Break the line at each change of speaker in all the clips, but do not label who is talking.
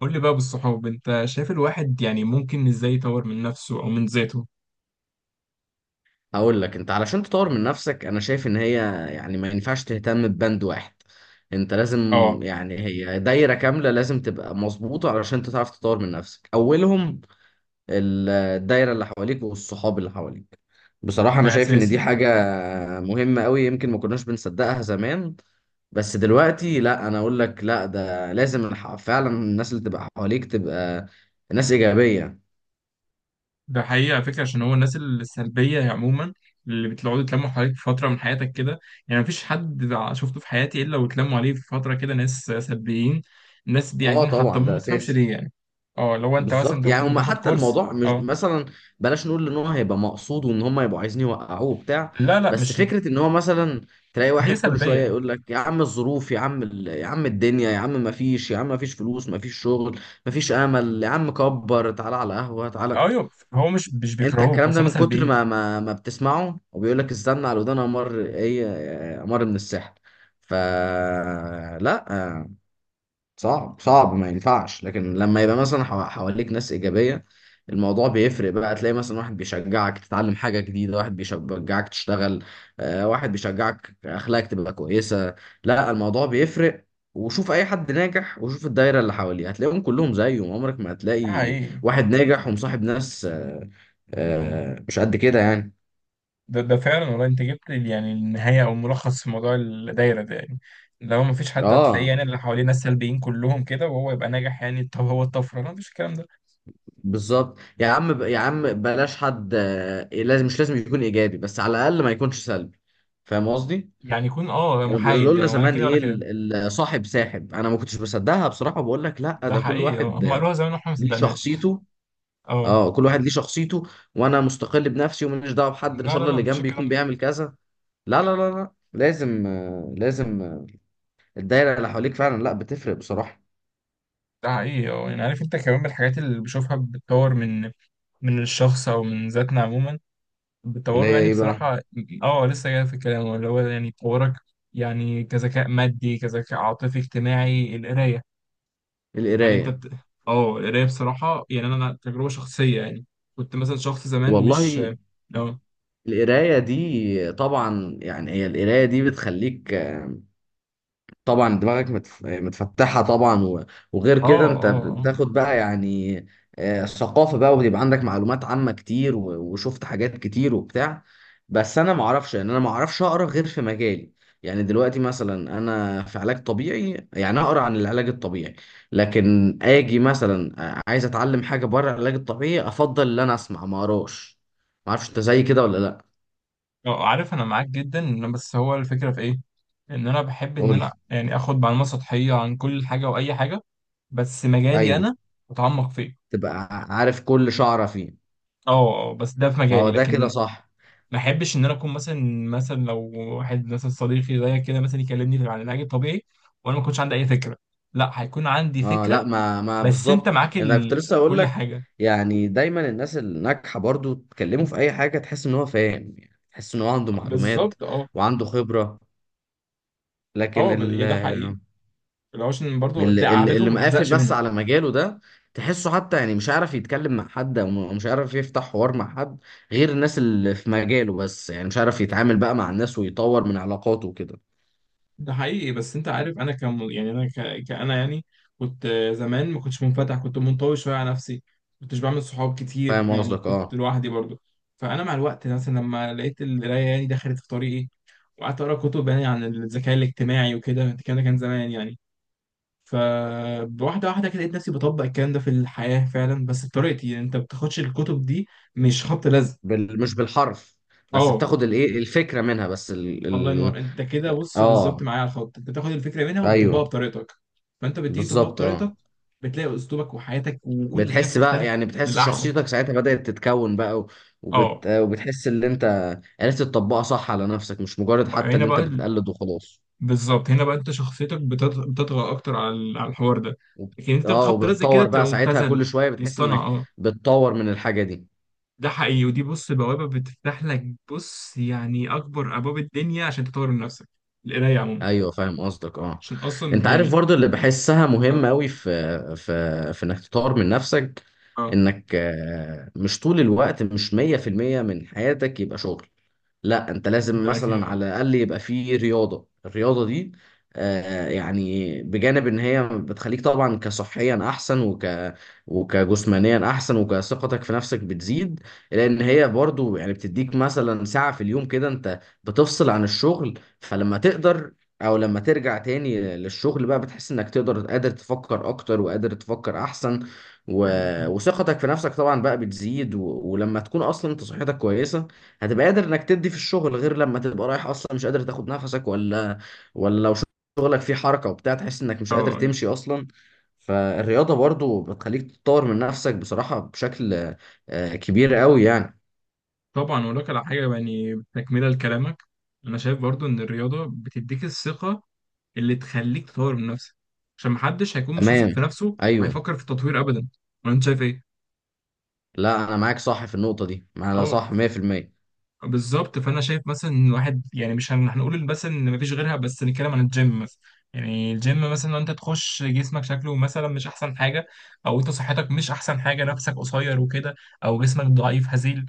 قول لي بقى بالصحاب، انت شايف الواحد يعني ممكن ازاي يطور من نفسه او من ذاته؟
هقول لك انت علشان تطور من نفسك انا شايف ان هي يعني ما ينفعش تهتم ببند واحد. انت لازم،
اه.
يعني هي دايرة كاملة لازم تبقى مظبوطة علشان انت تعرف تطور من نفسك. اولهم الدايرة اللي حواليك والصحاب اللي حواليك. بصراحة
ده
انا شايف ان
اساسي.
دي حاجة مهمة قوي، يمكن ما كناش بنصدقها زمان، بس دلوقتي لا، انا اقول لك لا، ده لازم فعلا الناس اللي تبقى حواليك تبقى ناس إيجابية.
ده حقيقة على فكرة، عشان هو الناس السلبية عموما اللي بتقعدوا يتلموا حواليك في فترة من حياتك كده، يعني مفيش حد شفته في حياتي الا واتلموا عليه في فترة كده ناس سلبيين. الناس دي
اه
عايزين
طبعا
يحطموه،
ده
ما تفهمش
اساسي.
ليه يعني. اه، لو انت مثلا
بالظبط،
انت
يعني
تكون
هم
بتاخد
حتى
كورس.
الموضوع مش
اه،
مثلا، بلاش نقول ان هو هيبقى مقصود وان هم يبقوا عايزين يوقعوه وبتاع،
لا، لا،
بس
مش.
فكره ان هو مثلا تلاقي
هي
واحد كل شويه
سلبية.
يقول لك يا عم الظروف، يا عم يا عم الدنيا، يا عم ما فيش، يا عم ما فيش فلوس، ما فيش شغل، ما فيش امل، يا عم كبر تعالى على قهوه تعالى.
ايوه، هو مش
انت
بيكرهوك
الكلام
بس
ده
هم
من كتر
سلبيين.
ما بتسمعه وبيقول لك استنى على ودان امر، ايه امر من السحر. فلا، صعب صعب ما ينفعش، لكن لما يبقى مثلا حواليك ناس إيجابية الموضوع بيفرق بقى. تلاقي مثلا واحد بيشجعك تتعلم حاجة جديدة، واحد بيشجعك تشتغل، واحد بيشجعك أخلاقك تبقى كويسة. لا الموضوع بيفرق. وشوف أي حد ناجح وشوف الدايرة اللي حواليه، هتلاقيهم كلهم زيه. عمرك ما
ده
هتلاقي
حقيقي.
واحد ناجح ومصاحب ناس مش قد كده يعني.
ده فعلا والله، انت جبت يعني النهايه او الملخص في موضوع الدايره ده يعني. لو ما فيش حد هتلاقيه،
اه
يعني اللي حواليه ناس سلبيين كلهم كده وهو يبقى ناجح، يعني طب هو الطفره؟ لا، مفيش الكلام ده.
بالظبط، يا عم يا عم بلاش حد آه، إيه، لازم، مش لازم يكون ايجابي، بس على الاقل ما يكونش سلبي. فاهم قصدي.
يعني يكون
كانوا بيقولوا
محايد
لنا
يعني، ولا
زمان
كده
ايه
ولا كده.
صاحب ساحب، انا ما كنتش بصدقها بصراحه، بقول لك لا،
ده
ده كل
حقيقي. اه،
واحد
هم قالوها زمان واحنا ما
ليه
صدقناش.
شخصيته.
اه،
اه كل واحد ليه شخصيته، وانا مستقل بنفسي وماليش دعوه بحد، ان
لا،
شاء
لا،
الله
لا،
اللي
مفيش
جنبي
الكلام
يكون
ده.
بيعمل كذا. لا لا لازم لازم الدايره اللي حواليك فعلا لا بتفرق بصراحه.
ده حقيقي. اه، يعني عارف انت كمان من الحاجات اللي بشوفها بتطور من الشخص او من ذاتنا عموما،
اللي
بتطوره
هي
يعني
ايه بقى؟
بصراحة. اه لسه جاي في الكلام، اللي هو يعني تطورك، يعني كذكاء مادي، كذكاء عاطفي، اجتماعي، القراية. هل انت
القرايه.
اه، القراية بصراحة يعني انا تجربة شخصية يعني، كنت مثلا شخص زمان مش.
والله
اه،
القراية دي طبعا، يعني هي القراية دي بتخليك طبعا دماغك متفتحة طبعا، و- وغير
اه،
كده انت
اه،
بتاخد بقى يعني ثقافة بقى، وبيبقى عندك معلومات عامة كتير، و- وشفت حاجات كتير وبتاع. بس انا معرفش، يعني انا معرفش اقرا غير في مجالي. يعني دلوقتي مثلا انا في علاج طبيعي، يعني اقرا عن العلاج الطبيعي، لكن اجي مثلا عايز اتعلم حاجة بره العلاج الطبيعي، افضل ان انا اسمع ما اقراش. معرفش انت زي كده ولا لا.
اه. عارف انا معاك جدا بس هو الفكرة في ايه؟ ان انا بحب ان
قول.
انا يعني اخد معلومات سطحية عن كل حاجة واي حاجة، بس مجالي
ايوه.
انا اتعمق فيه.
تبقى عارف كل شعره فيه.
اه. آه، بس ده في
ما هو
مجالي،
ده كده
لكن
صح.
ما احبش ان انا اكون مثلا لو واحد مثلا صديقي زي كده مثلا يكلمني عن العلاج الطبيعي وانا ما كنتش عندي اي فكره، لا، هيكون عندي
اه لا
فكره.
ما ما
بس انت
بالظبط،
معاك
يعني انا كنت لسه اقول
كل
لك،
حاجه.
يعني دايما الناس الناجحه برضو تكلمه في اي حاجه تحس ان هو فاهم، يعني تحس ان هو عنده معلومات
بالظبط. اه،
وعنده خبره. لكن
يعني ده حقيقي، لو عشان برضو قعدتهم
اللي
ما
مقافل
بتزهقش
بس
منها.
على مجاله ده، تحسه حتى يعني مش عارف يتكلم مع حد، او مش عارف يفتح حوار مع حد غير الناس اللي في مجاله بس، يعني مش عارف يتعامل بقى مع الناس ويطور من علاقاته وكده.
ده حقيقي، بس انت عارف انا كم، يعني انا كأنا يعني كنت، زمان ما كنتش منفتح، كنت منطوي شويه على نفسي، كنتش بعمل صحاب
فاهم
كتير، يعني
قصدك
كنت
اه.
لوحدي برضو. فانا مع الوقت مثلا لما لقيت القرايه يعني دخلت في طريقي، وقعدت اقرا كتب يعني عن الذكاء الاجتماعي وكده، الكلام ده كان زمان يعني. فواحده واحده كده لقيت نفسي بطبق الكلام ده في الحياه فعلا، بس بطريقتي. يعني انت ما بتاخدش الكتب دي مش خبط لزق.
مش بالحرف، بس
اه.
بتاخد الايه الفكره منها، بس
الله ينور، انت كده بص بالظبط
اه
معايا على الخط، انت بتاخد الفكره منها وبتطبقها
ايوه
بطريقتك. فانت بتيجي تطبقها
بالظبط
بطريقتك،
اه.
بتلاقي اسلوبك وحياتك وكل حاجه
بتحس بقى
بتختلف
يعني بتحس
للاحسن.
شخصيتك ساعتها بدأت تتكون بقى،
اه.
وبتحس ان انت عرفت تطبقها صح على نفسك، مش مجرد حتى
هنا
اللي انت
بقى
بتقلد وخلاص.
بالظبط، هنا بقى انت شخصيتك بتطغى اكتر على على الحوار ده.
وب...
لكن انت في
اه
خبط رزق كده
وبتطور
بتبقى
بقى ساعتها،
مبتذل
كل شويه بتحس
مصطنع.
انك
اه.
بتطور من الحاجه دي.
ده حقيقي، ودي بص بوابه بتفتح لك، بص يعني اكبر ابواب الدنيا عشان تطور من نفسك، القرايه عموما،
ايوه فاهم قصدك اه.
عشان اصلا
انت عارف
يعني.
برضه اللي بحسها مهم
اه،
قوي في في انك تطور من نفسك،
اه.
انك مش طول الوقت، مش 100% من حياتك يبقى شغل. لا انت لازم
ده اكيد.
مثلا
اه،
على الاقل يبقى فيه رياضه. الرياضه دي آه، يعني بجانب ان هي بتخليك طبعا كصحيا احسن، وكجسمانيا احسن، وكثقتك في نفسك بتزيد، لان هي برضو يعني بتديك مثلا ساعه في اليوم كده انت بتفصل عن الشغل. فلما تقدر او لما ترجع تاني للشغل بقى، بتحس انك تقدر، قادر تفكر اكتر وقادر تفكر احسن، و...
أيوه.
وثقتك في نفسك طبعا بقى بتزيد. و... ولما تكون اصلا انت صحتك كويسه هتبقى قادر انك تدي في الشغل، غير لما تبقى رايح اصلا مش قادر تاخد نفسك، ولا ولا لو شغلك فيه حركة وبتاع تحس انك
اه،
مش قادر
آه، أيوه.
تمشي اصلا. فالرياضة برضو بتخليك تطور من نفسك بصراحة بشكل كبير قوي يعني.
طبعا، اقول لك على حاجه يعني تكمله لكلامك. انا شايف برضو ان الرياضه بتديك الثقه اللي تخليك تطور من نفسك، عشان محدش هيكون مش واثق
تمام.
في نفسه
ايوه.
وهيفكر في التطوير ابدا. ولا انت شايف ايه؟
لا انا معاك صح في النقطة دي، انا
اه،
صح 100%.
بالظبط. فانا شايف مثلا ان الواحد، يعني مش هنقول مثلا ان مفيش غيرها، بس نتكلم عن الجيم مثلا. يعني الجيم مثلا، لو انت تخش جسمك شكله مثلا مش احسن حاجه، او انت صحتك مش احسن حاجه، نفسك قصير وكده، او جسمك ضعيف هزيل،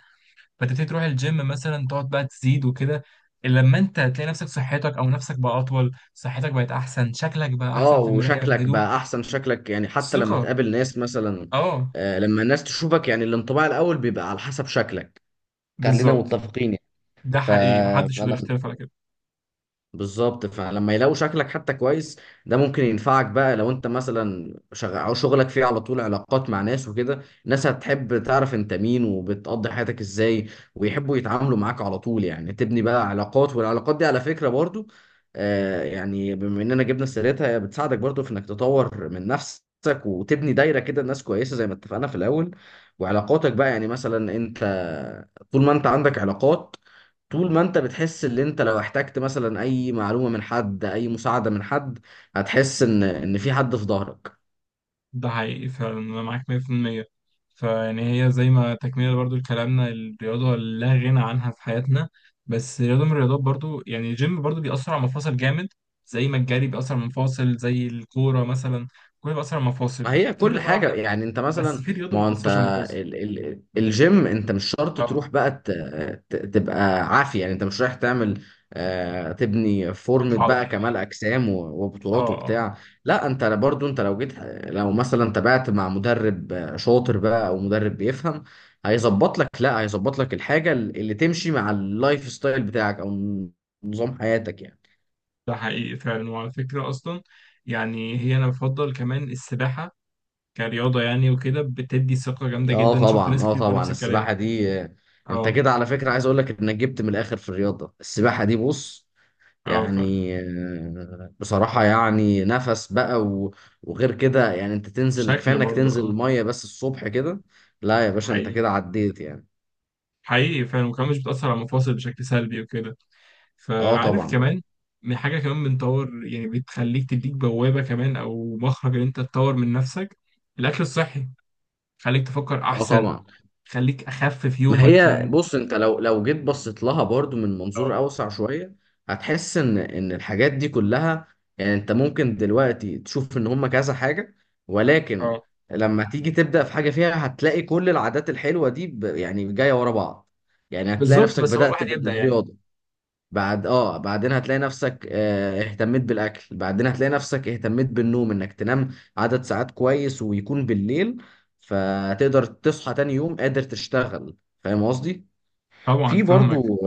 فتبتدي تروح الجيم مثلا، تقعد بقى تزيد وكده، إلا لما انت هتلاقي نفسك صحتك او نفسك بقى اطول، صحتك بقت احسن، شكلك بقى
اه
احسن في المراية في
وشكلك
الهدوم.
بقى احسن، شكلك يعني حتى لما
ثقة.
تقابل ناس مثلا
اه.
لما الناس تشوفك، يعني الانطباع الاول بيبقى على حسب شكلك. خلينا
بالظبط.
متفقين يعني.
ده
ف...
حقيقي، محدش يقدر يختلف على كده.
بالظبط، فلما يلاقوا شكلك حتى كويس، ده ممكن ينفعك بقى لو انت مثلا او شغلك فيه على طول علاقات مع ناس وكده، الناس هتحب تعرف انت مين وبتقضي حياتك ازاي، ويحبوا يتعاملوا معاك على طول، يعني تبني بقى علاقات. والعلاقات دي على فكرة برضو آه، يعني بما اننا جبنا سيرتها، هي بتساعدك برضو في انك تطور من نفسك وتبني دايرة كده ناس كويسة زي ما اتفقنا في الاول. وعلاقاتك بقى يعني مثلا انت، طول ما انت عندك علاقات، طول ما انت بتحس ان انت لو احتجت مثلا اي معلومة من حد، اي مساعدة من حد، هتحس ان في حد في ظهرك.
ده حقيقي فعلا، أنا معاك 100%. فيعني هي زي ما تكملة برضو لكلامنا، الرياضة لا غنى عنها في حياتنا، بس رياضة من الرياضات. برضو يعني الجيم برضو بيأثر على المفاصل جامد، زي ما الجري بيأثر على المفاصل، زي الكورة مثلا، كله بيأثر على المفاصل.
ما هي
في
كل
رياضة
حاجة
واحدة،
يعني انت
بس
مثلا،
في رياضة
ما
ما
هو انت
بتأثرش على المفاصل.
ال ال الجيم انت مش شرط
اه.
تروح بقى تبقى عافية، يعني انت مش رايح تعمل آه تبني
الكتلة
فورمة بقى
العضلية.
كمال اجسام، و-
اه،
وبطولات
اه.
وبتاع. لا انت برضو، انت لو جيت، لو مثلا تابعت مع مدرب شاطر بقى او مدرب بيفهم، هيظبط لك لا هيظبط لك الحاجة اللي تمشي مع اللايف ستايل بتاعك او نظام حياتك يعني.
ده حقيقي فعلا، وعلى فكرة أصلا، يعني هي أنا بفضل كمان السباحة كرياضة يعني، وكده بتدي ثقة جامدة
اه
جدا، شفت
طبعا
ناس
اه
كتير بتقول نفس
طبعا
الكلام.
السباحه دي آه، انت
اه.
كده على فكره عايز اقول لك انك جبت من الاخر في الرياضه. السباحه دي بص،
اه، فعلا.
يعني آه، بصراحه يعني نفس بقى، و- وغير كده يعني انت تنزل، كفايه
شكل
انك
برضه.
تنزل
اه.
الميه بس الصبح كده. لا يا باشا انت
حقيقي.
كده عديت يعني.
حقيقي فعلا، وكمان مش بتأثر على المفاصل بشكل سلبي وكده.
اه
فعارف
طبعا
كمان من حاجة كمان بنطور، يعني بتخليك تديك بوابة كمان أو مخرج إن أنت تطور من نفسك: الأكل الصحي. خليك تفكر
اه
أحسن،
طبعا.
خليك أخفف
ما
يومك
هي
يعني.
بص، انت لو لو جيت بصيت لها برضو من
اه.
منظور اوسع شويه، هتحس ان الحاجات دي كلها، يعني انت ممكن دلوقتي تشوف ان هم كذا حاجه، ولكن
اه،
لما تيجي تبدا في حاجه فيها، هتلاقي كل العادات الحلوه دي ب- يعني جايه ورا بعض. يعني هتلاقي
بالظبط،
نفسك
بس هو
بدات
الواحد يبدأ يعني.
بالرياضه، بعد اه بعدين هتلاقي نفسك اهتميت بالاكل، بعدين هتلاقي نفسك اهتميت بالنوم، انك تنام عدد ساعات كويس ويكون بالليل، فتقدر تصحى تاني يوم قادر تشتغل. فاهم قصدي.
طبعا
في
فاهمك.
برضو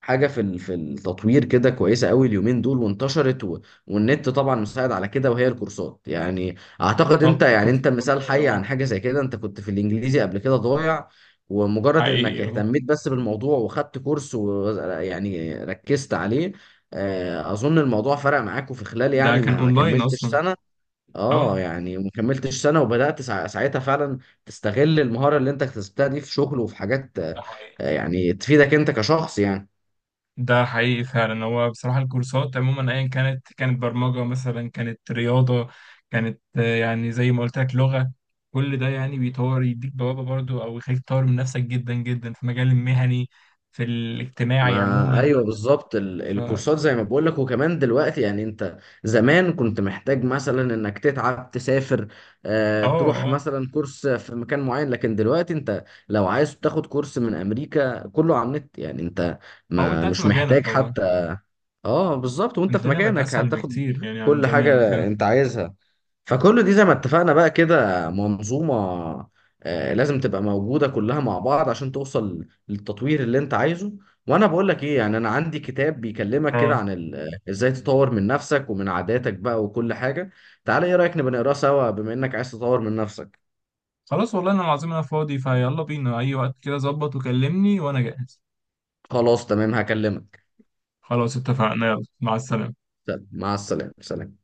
حاجة في في التطوير كده كويسة قوي، اليومين دول وانتشرت، و... والنت طبعا مساعد على كده، وهي الكورسات. يعني اعتقد انت،
طب
يعني
كورسات
انت مثال
الأونلاين.
حي
اه.
عن حاجة زي كده. انت كنت في الانجليزي قبل كده ضايع، ومجرد انك
حقيقي. اه.
اهتميت بس بالموضوع وخدت كورس ويعني ركزت عليه، اظن الموضوع فرق معاك، وفي خلال
ده
يعني
كان
ما ما
أونلاين
كملتش
أصلا.
سنة. اه
اه.
يعني ما كملتش سنه، وبدات ساعتها فعلا تستغل المهاره اللي انت اكتسبتها دي في شغل وفي حاجات
ده حقيقي.
يعني تفيدك انت كشخص يعني.
ده حقيقي فعلا، هو بصراحة الكورسات عموما أيا كانت برمجة مثلا، كانت رياضة، كانت يعني زي ما قلت لك لغة، كل ده يعني بيطور، يديك بوابة برضو أو يخليك تطور من نفسك جدا جدا في مجال المهني، في الاجتماعي
ما
عموما.
ايوه بالظبط،
فا
الكورسات زي ما بقول لك. وكمان دلوقتي يعني انت، زمان كنت محتاج مثلا انك تتعب تسافر
آه،
آه تروح
آه.
مثلا كورس في مكان معين، لكن دلوقتي انت لو عايز تاخد كورس من امريكا كله على النت، يعني انت
أو أنت
ما
قاعد في
مش
مكانك
محتاج
والله.
حتى. اه بالظبط، وانت في
الدنيا بقت
مكانك
أسهل
هتاخد
بكتير يعني عن
كل
زمان وكده.
حاجة انت عايزها. فكل دي زي ما اتفقنا بقى كده منظومة لازم تبقى موجودة كلها مع بعض عشان توصل للتطوير اللي انت عايزه. وانا بقول لك ايه، يعني انا عندي كتاب بيكلمك كده
آه.
عن آه، ازاي تطور من نفسك ومن عاداتك بقى وكل حاجة. تعالى ايه رأيك نبقى نقراه سوا بما انك عايز تطور من نفسك.
خلاص والله، أنا العظيم، أنا فاضي، فيلا بينا أي وقت كده ظبط وكلمني وأنا جاهز.
خلاص تمام هكلمك.
خلاص اتفقنا، يلا، مع السلامة.
طب، مع السلامة سلام.